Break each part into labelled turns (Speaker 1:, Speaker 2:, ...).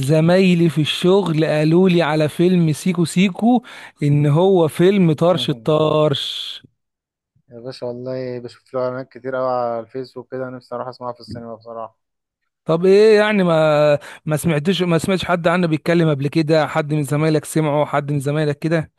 Speaker 1: زمايلي في الشغل قالوا لي على فيلم سيكو سيكو، ان هو فيلم طرش الطرش.
Speaker 2: يا باشا والله بشوف له اعلانات كتير قوي على الفيس وكده، نفسي اروح اسمعها في السينما بصراحة.
Speaker 1: طب ايه يعني؟ ما سمعتش حد عنه بيتكلم قبل كده؟ حد من زمايلك سمعه؟ حد من زمايلك كده؟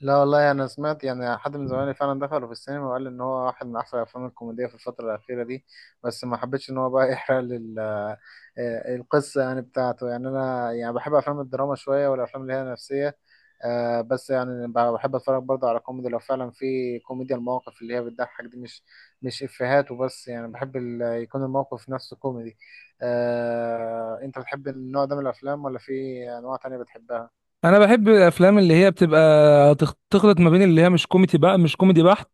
Speaker 2: لا والله انا سمعت، يعني حد من زمايلي فعلا دخلوا في السينما وقال ان هو واحد من احسن الافلام الكوميديه في الفتره الاخيره دي. بس ما حبيتش ان هو بقى يحرق لي ال- آه، القصه يعني بتاعته، يعني انا يعني بحب افلام الدراما شويه والافلام اللي هي نفسيه. بس يعني بحب اتفرج برضه على كوميدي لو فعلا في كوميديا المواقف اللي هي بتضحك دي، مش افيهات وبس، يعني بحب يكون الموقف نفسه كوميدي. انت بتحب النوع ده من الافلام ولا في انواع تانية بتحبها؟
Speaker 1: انا بحب الافلام اللي هي بتبقى تخلط ما بين اللي هي مش كوميدي، بقى مش كوميدي بحت،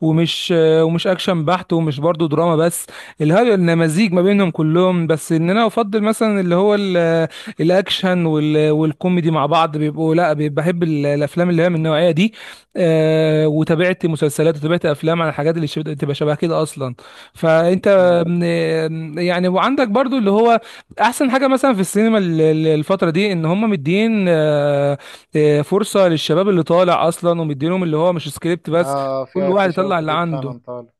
Speaker 1: ومش اكشن بحت، ومش برضو دراما بس. اللي هو إن مزيج ما بينهم كلهم، بس ان انا افضل مثلا اللي هو الاكشن والكوميدي مع بعض بيبقوا. لا، بحب الافلام اللي هي من النوعيه دي. وتابعت مسلسلات وتابعت افلام على الحاجات اللي تبقى شبه كده اصلا. فانت آم، آم، يعني، وعندك برضو اللي هو احسن حاجه مثلا في السينما الفتره دي، ان هم مدين فرصه للشباب اللي طالع اصلا، ومدينهم اللي هو مش سكريبت بس.
Speaker 2: اه
Speaker 1: كل
Speaker 2: في
Speaker 1: واحد
Speaker 2: في شباب
Speaker 1: يطلع اللي
Speaker 2: كتير
Speaker 1: عنده.
Speaker 2: فعلا طالع.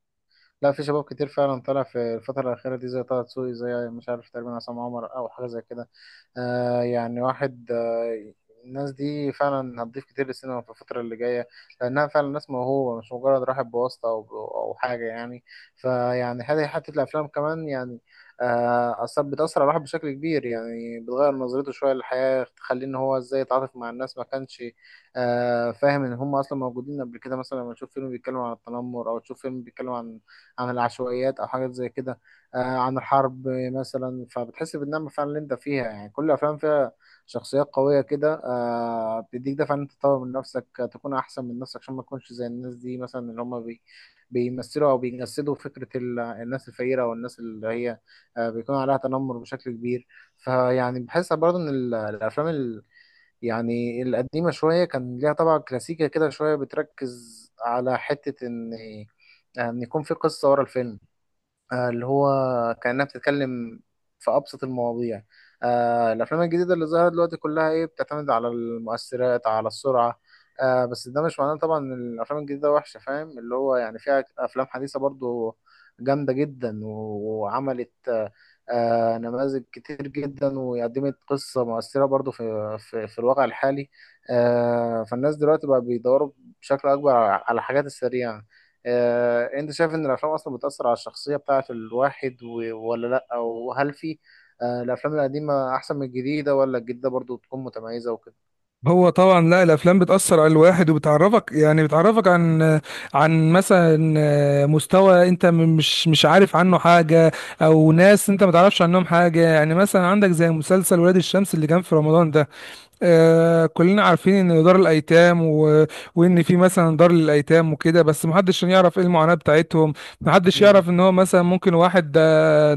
Speaker 2: لا في شباب كتير فعلا طالع في الفترة الأخيرة دي، زي طه دسوقي، زي مش عارف تقريبا عصام عمر أو حاجة زي كده. آه يعني واحد آه الناس دي فعلا هتضيف كتير للسينما في الفترة اللي جاية، لأنها فعلا ناس موهوبة، مش مجرد راحت بواسطة أو حاجة يعني. فيعني هذه حتة الأفلام كمان، يعني أثر بتأثر على الواحد بشكل كبير، يعني بتغير نظرته شوية للحياة، تخليه إن هو إزاي يتعاطف مع الناس ما كانش فاهم إن هم أصلا موجودين قبل كده. مثلا لما تشوف فيلم بيتكلم عن التنمر، أو تشوف فيلم بيتكلم عن العشوائيات أو حاجات زي كده، عن الحرب مثلا. فبتحس بالنعمة فعلا اللي انت فيها. يعني كل الافلام فيها شخصيات قوية كده، بتديك دفع ان انت تطور من نفسك، تكون احسن من نفسك، عشان ما تكونش زي الناس دي مثلا اللي هم بيمثلوا او بيجسدوا فكرة الناس الفقيرة او الناس اللي هي بيكون عليها تنمر بشكل كبير. فيعني بحس برضه ان يعني القديمة شوية كان ليها طبعا كلاسيكية كده شوية، بتركز على حتة ان ان يكون في قصة ورا الفيلم، اللي هو كأنها بتتكلم في أبسط المواضيع. الأفلام الجديدة اللي ظهرت دلوقتي كلها إيه، بتعتمد على المؤثرات على السرعة. بس ده مش معناه طبعا إن الأفلام الجديدة وحشة، فاهم؟ اللي هو يعني فيها أفلام حديثة برضو جامدة جدا وعملت نماذج كتير جدا، وقدمت قصة مؤثرة برضو في في الواقع الحالي. فالناس دلوقتي بقى بيدوروا بشكل أكبر على الحاجات السريعة. انت شايف ان الافلام اصلا بتأثر على الشخصية بتاعت الواحد ولا لا؟ وهل في الافلام القديمة احسن من الجديدة، ولا الجديدة برضو تكون متميزة وكده؟
Speaker 1: هو طبعا، لا، الافلام بتاثر على الواحد وبتعرفك، يعني بتعرفك عن مثلا مستوى انت مش عارف عنه حاجه، او ناس انت ما تعرفش عنهم حاجه. يعني مثلا عندك زي مسلسل ولاد الشمس اللي كان في رمضان ده. كلنا عارفين ان دار الايتام وان في مثلا دار للايتام وكده، بس محدش يعرف ايه المعاناة بتاعتهم. محدش
Speaker 2: امم.
Speaker 1: يعرف ان هو مثلا ممكن واحد ده،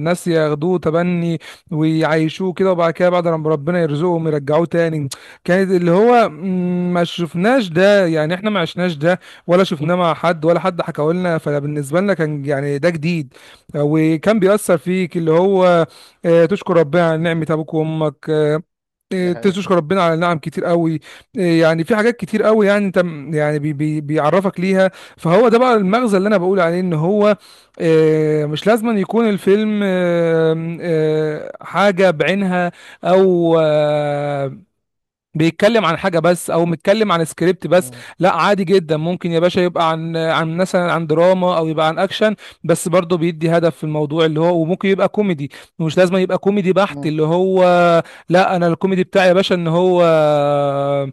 Speaker 1: ناس ياخدوه تبني ويعيشوه كده، وبعد كده بعد لما ربنا يرزقهم يرجعوه تاني. كانت اللي هو، ما شفناش ده، يعني احنا ما عشناش ده، ولا شفناه مع حد، ولا حد حكى لنا. فبالنسبة لنا كان يعني ده جديد. وكان بيأثر فيك اللي هو تشكر ربنا على نعمة ابوك وامك.
Speaker 2: ده
Speaker 1: إيه،
Speaker 2: هي.
Speaker 1: تشكر ربنا على نعم كتير قوي. إيه، يعني في حاجات كتير قوي، يعني انت يعني بي بي بيعرفك ليها. فهو ده بقى المغزى اللي انا بقول عليه، ان هو إيه، مش لازم أن يكون الفيلم آم، آه، حاجة بعينها، او بيتكلم عن حاجة بس، أو متكلم عن سكريبت بس. لا، عادي جدا ممكن يا باشا يبقى عن مثلا عن دراما، أو يبقى عن أكشن، بس برضه بيدي هدف في الموضوع اللي هو. وممكن يبقى كوميدي، مش لازم يبقى كوميدي بحت اللي هو. لا، أنا الكوميدي بتاعي يا باشا إن هو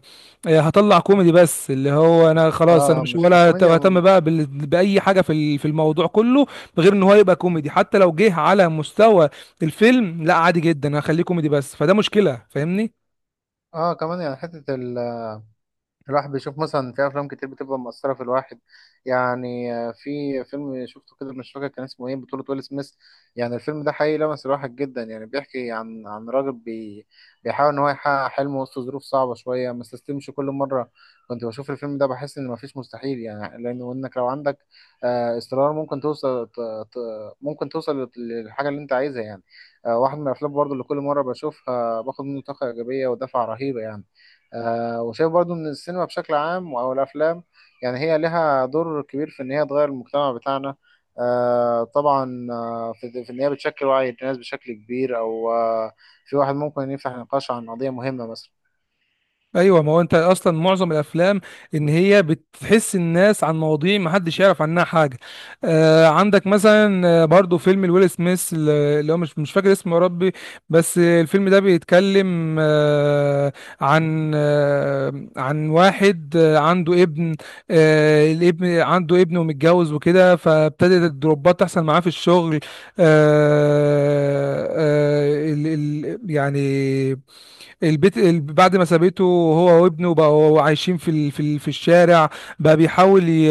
Speaker 1: هطلع كوميدي بس، اللي هو أنا خلاص أنا
Speaker 2: اه
Speaker 1: مش
Speaker 2: مش
Speaker 1: ولا
Speaker 2: الكوميديا.
Speaker 1: أهتم بقى بأي حاجة في الموضوع كله، غير إن هو يبقى كوميدي. حتى لو جه على مستوى الفيلم، لا عادي جدا، هخليه كوميدي بس، فده مشكلة فاهمني.
Speaker 2: اه كمان يعني حتة الواحد بيشوف مثلا في افلام كتير بتبقى مؤثره في الواحد. يعني في فيلم شفته كده مش فاكر كان اسمه ايه، بطوله ويل سميث. يعني الفيلم ده حقيقي لمس الواحد جدا، يعني بيحكي عن راجل بيحاول ان هو يحقق حلمه وسط ظروف صعبه شويه، ما استسلمش كل مره. كنت بشوف الفيلم ده بحس ان مفيش مستحيل، يعني لانه انك لو عندك اصرار ممكن ممكن توصل للحاجه اللي انت عايزها يعني. واحد من الافلام برضه اللي كل مره بشوفها باخد منه طاقه ايجابيه ودفعه رهيبه يعني. وشايف برضو ان السينما بشكل عام او الافلام، يعني هي لها دور كبير في ان هي تغير المجتمع بتاعنا. آه طبعا، في في ان هي بتشكل وعي الناس بشكل كبير، او في واحد ممكن يفتح نقاش عن قضية مهمة مثلا.
Speaker 1: ايوه، ما هو انت اصلا معظم الافلام ان هي بتحس الناس عن مواضيع ما حدش يعرف عنها حاجه. عندك مثلا، برضو فيلم الويل سميث، اللي هو مش فاكر اسمه يا ربي، بس الفيلم ده بيتكلم عن واحد عنده ابن. الابن عنده ابن ومتجوز وكده، فابتدت الدروبات تحصل معاه في الشغل. ال ال يعني بعد ما سابته، هو وابنه بقوا عايشين في الشارع. بقى بيحاول ي-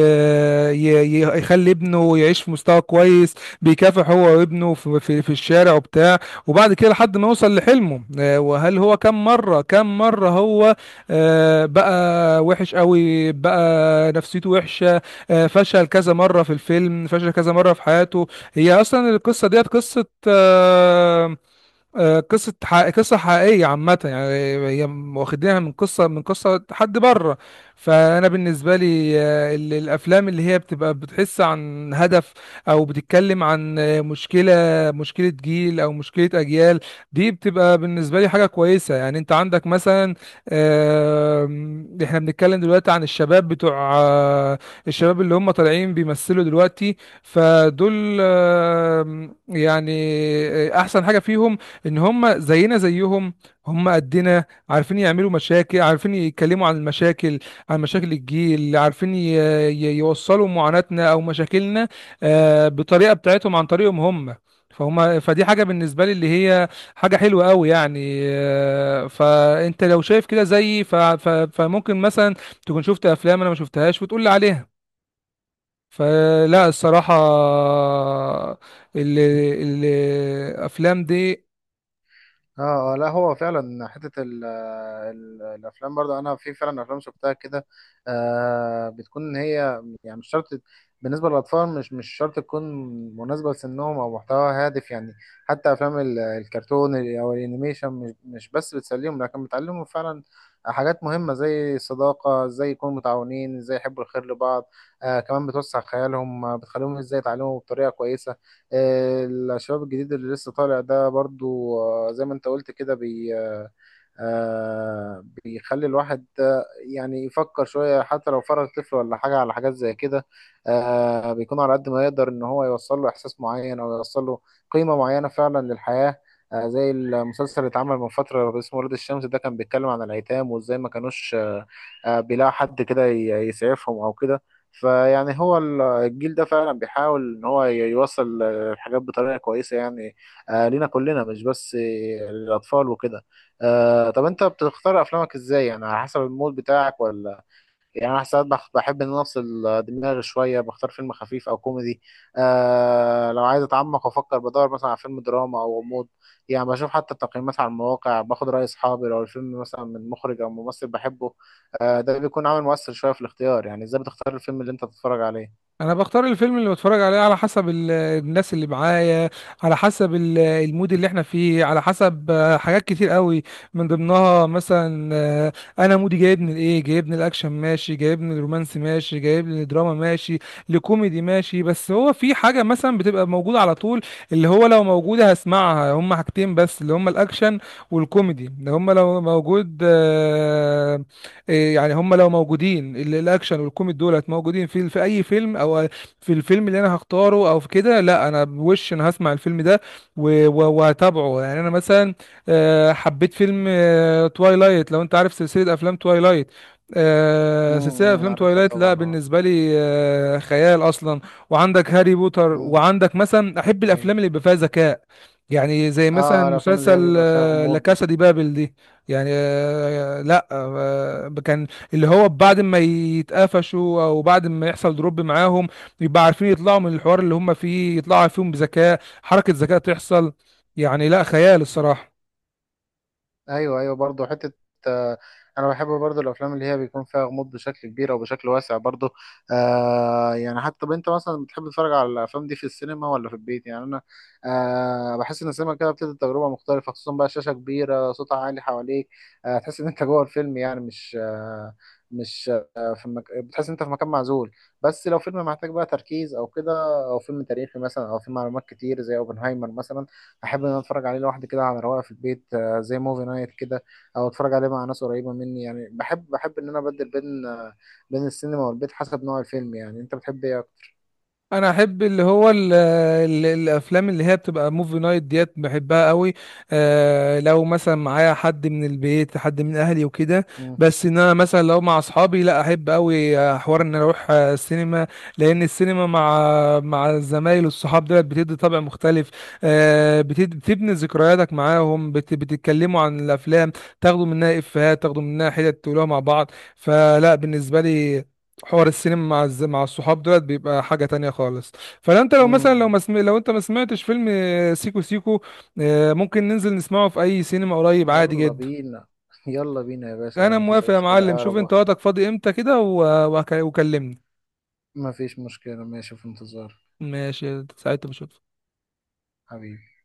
Speaker 1: ي- ي- يخلي ابنه يعيش في مستوى كويس، بيكافح هو وابنه في الشارع وبتاع، وبعد كده لحد ما يوصل لحلمه. وهل هو كم مرة كم مرة هو بقى وحش قوي، بقى نفسيته وحشة. فشل كذا مرة في الفيلم، فشل كذا مرة في حياته. هي اصلا القصة ديت قصة قصة حقيقية عامة يعني. هي واخدينها من قصة حد بره. فأنا بالنسبة لي الأفلام اللي هي بتبقى بتحس عن هدف، أو بتتكلم عن مشكلة جيل أو مشكلة أجيال، دي بتبقى بالنسبة لي حاجة كويسة. يعني أنت عندك مثلا، إحنا بنتكلم دلوقتي عن الشباب بتوع الشباب اللي هم طالعين بيمثلوا دلوقتي. فدول يعني أحسن حاجة فيهم ان هم زينا زيهم، هم قدنا، عارفين يعملوا مشاكل، عارفين يتكلموا عن المشاكل، عن مشاكل الجيل، عارفين يوصلوا معاناتنا او مشاكلنا بطريقة بتاعتهم، عن طريقهم هم. فهم فدي حاجة بالنسبة لي اللي هي حاجة حلوة قوي يعني. فانت لو شايف كده زيي، فممكن مثلا تكون شفت افلام انا ما شفتهاش وتقول لي عليها. فلا الصراحة ال- ال- الافلام دي.
Speaker 2: لا هو فعلا حتة الافلام برضو، انا في فعلا افلام شفتها كده بتكون هي، يعني مش شرط بالنسبه للاطفال، مش شرط تكون مناسبه لسنهم او محتوى هادف يعني. حتى افلام الكرتون او الانيميشن، مش بس بتسليهم، لكن بتعلمهم فعلا حاجات مهمه زي الصداقه، ازاي يكونوا متعاونين، ازاي يحبوا الخير لبعض. كمان بتوسع خيالهم، بتخليهم ازاي يتعلموا بطريقه كويسه. الشباب الجديد اللي لسه طالع ده برضو، زي ما انت قلت كده، بي آه، آه بيخلي الواحد يعني يفكر شوية، حتى لو فرغ طفل ولا حاجة على حاجات زي كده. بيكون على قد ما يقدر إن هو يوصل له إحساس معين، أو يوصل له قيمة معينة فعلا للحياة. زي المسلسل اللي اتعمل من فترة اسمه ولاد الشمس، ده كان بيتكلم عن الأيتام وإزاي ما كانوش بيلاقوا حد كده يسعفهم أو كده. فيعني هو الجيل ده فعلا بيحاول إن هو يوصل الحاجات بطريقة كويسة، يعني لينا كلنا، مش بس للأطفال وكده. طب انت بتختار افلامك ازاي؟ يعني على حسب المود بتاعك ولا؟ يعني انا ساعات بحب ان أنا افصل دماغي شويه، بختار فيلم خفيف او كوميدي. لو عايز اتعمق وافكر، بدور مثلا على فيلم دراما او غموض. يعني بشوف حتى التقييمات على المواقع، باخد راي اصحابي، لو الفيلم مثلا من مخرج او ممثل بحبه ده بيكون عامل مؤثر شويه في الاختيار. يعني ازاي بتختار الفيلم اللي انت تتفرج عليه؟
Speaker 1: انا بختار الفيلم اللي بتفرج عليه على حسب الناس اللي معايا، على حسب المود اللي احنا فيه، على حسب حاجات كتير قوي. من ضمنها مثلا انا مودي جايبني لايه. جايبني الاكشن ماشي، جايبني الرومانسي ماشي، جايبني الدراما ماشي، لكوميدي ماشي. بس هو في حاجة مثلا بتبقى موجودة على طول اللي هو لو موجودة هسمعها. هما حاجتين بس اللي هما الاكشن والكوميدي، اللي هما لو موجود إيه يعني، هم لو موجودين الاكشن والكوميدي دولت موجودين في اي فيلم، او في الفيلم اللي انا هختاره، او في كده، لا انا بوش، انا هسمع الفيلم ده وهتابعه. يعني انا مثلا حبيت فيلم توايلايت، لو انت عارف سلسلة افلام توايلايت. سلسلة افلام
Speaker 2: عارفها
Speaker 1: توايلايت، لا
Speaker 2: طبعا، اه.
Speaker 1: بالنسبة لي خيال اصلا. وعندك هاري بوتر،
Speaker 2: امم.
Speaker 1: وعندك مثلا احب
Speaker 2: ايوه.
Speaker 1: الافلام اللي بيبقى فيها ذكاء، يعني زي
Speaker 2: اه
Speaker 1: مثلا
Speaker 2: الافلام اللي هي
Speaker 1: مسلسل
Speaker 2: بيبقى فيها
Speaker 1: لا
Speaker 2: غموض دي.
Speaker 1: كاسا دي بابل دي. يعني لا، كان اللي هو بعد ما يتقفشوا او بعد ما يحصل دروب معاهم، يبقى عارفين يطلعوا من الحوار اللي هم فيه، يطلعوا فيهم بذكاء، حركة ذكاء تحصل. يعني لا، خيال الصراحة.
Speaker 2: ايوه، ايوه، برضه حته آه، انا بحب برضه الافلام اللي هي بيكون فيها غموض بشكل كبير او بشكل واسع برضه. يعني حتى، طب انت مثلا بتحب تتفرج على الافلام دي في السينما ولا في البيت؟ يعني انا بحس ان السينما كده بتدي تجربه مختلفه، خصوصا بقى شاشه كبيره، صوت عالي حواليك، تحس ان انت جوه الفيلم. يعني مش آه مش آه في مك... بتحس ان انت في مكان معزول. بس لو فيلم محتاج بقى تركيز او كده، او فيلم تاريخي مثلا او فيه معلومات كتير زي اوبنهايمر مثلا، احب ان انا اتفرج عليه لوحدي كده على رواقه في البيت، زي موفي نايت كده، او اتفرج عليه مع ناس قريبه مني. يعني بحب، بحب ان انا ابدل بين بين السينما والبيت حسب نوع الفيلم. يعني انت بتحب ايه اكتر؟
Speaker 1: انا احب اللي هو ال ال الافلام اللي هي بتبقى موفي نايت ديت، بحبها قوي. لو مثلا معايا حد من البيت، حد من اهلي وكده.
Speaker 2: مم.
Speaker 1: بس ان انا مثلا لو مع اصحابي، لا احب قوي حوار ان أنا اروح السينما، لان السينما مع الزمايل والصحاب ديت بتدي طابع مختلف. بتبني ذكرياتك معاهم، بتتكلموا عن الافلام، تاخدوا منها افيهات، تاخدوا منها حتت تقولوها مع بعض. فلا بالنسبه لي، حوار السينما مع الصحاب دولت بيبقى حاجة تانية خالص. فانت لو مثلا،
Speaker 2: مم.
Speaker 1: لو انت ما سمعتش فيلم سيكو سيكو، ممكن ننزل نسمعه في اي سينما قريب، عادي
Speaker 2: يلا
Speaker 1: جدا.
Speaker 2: بينا يلا بينا يا باشا،
Speaker 1: انا
Speaker 2: مفيش أي
Speaker 1: موافق يا
Speaker 2: مشكله،
Speaker 1: معلم،
Speaker 2: اقرب
Speaker 1: شوف انت
Speaker 2: وقت.
Speaker 1: وقتك فاضي امتى كده وكلمني.
Speaker 2: مفيش مشكله ماشي، في انتظار
Speaker 1: ماشي، ساعتها بشوف.
Speaker 2: حبيبي.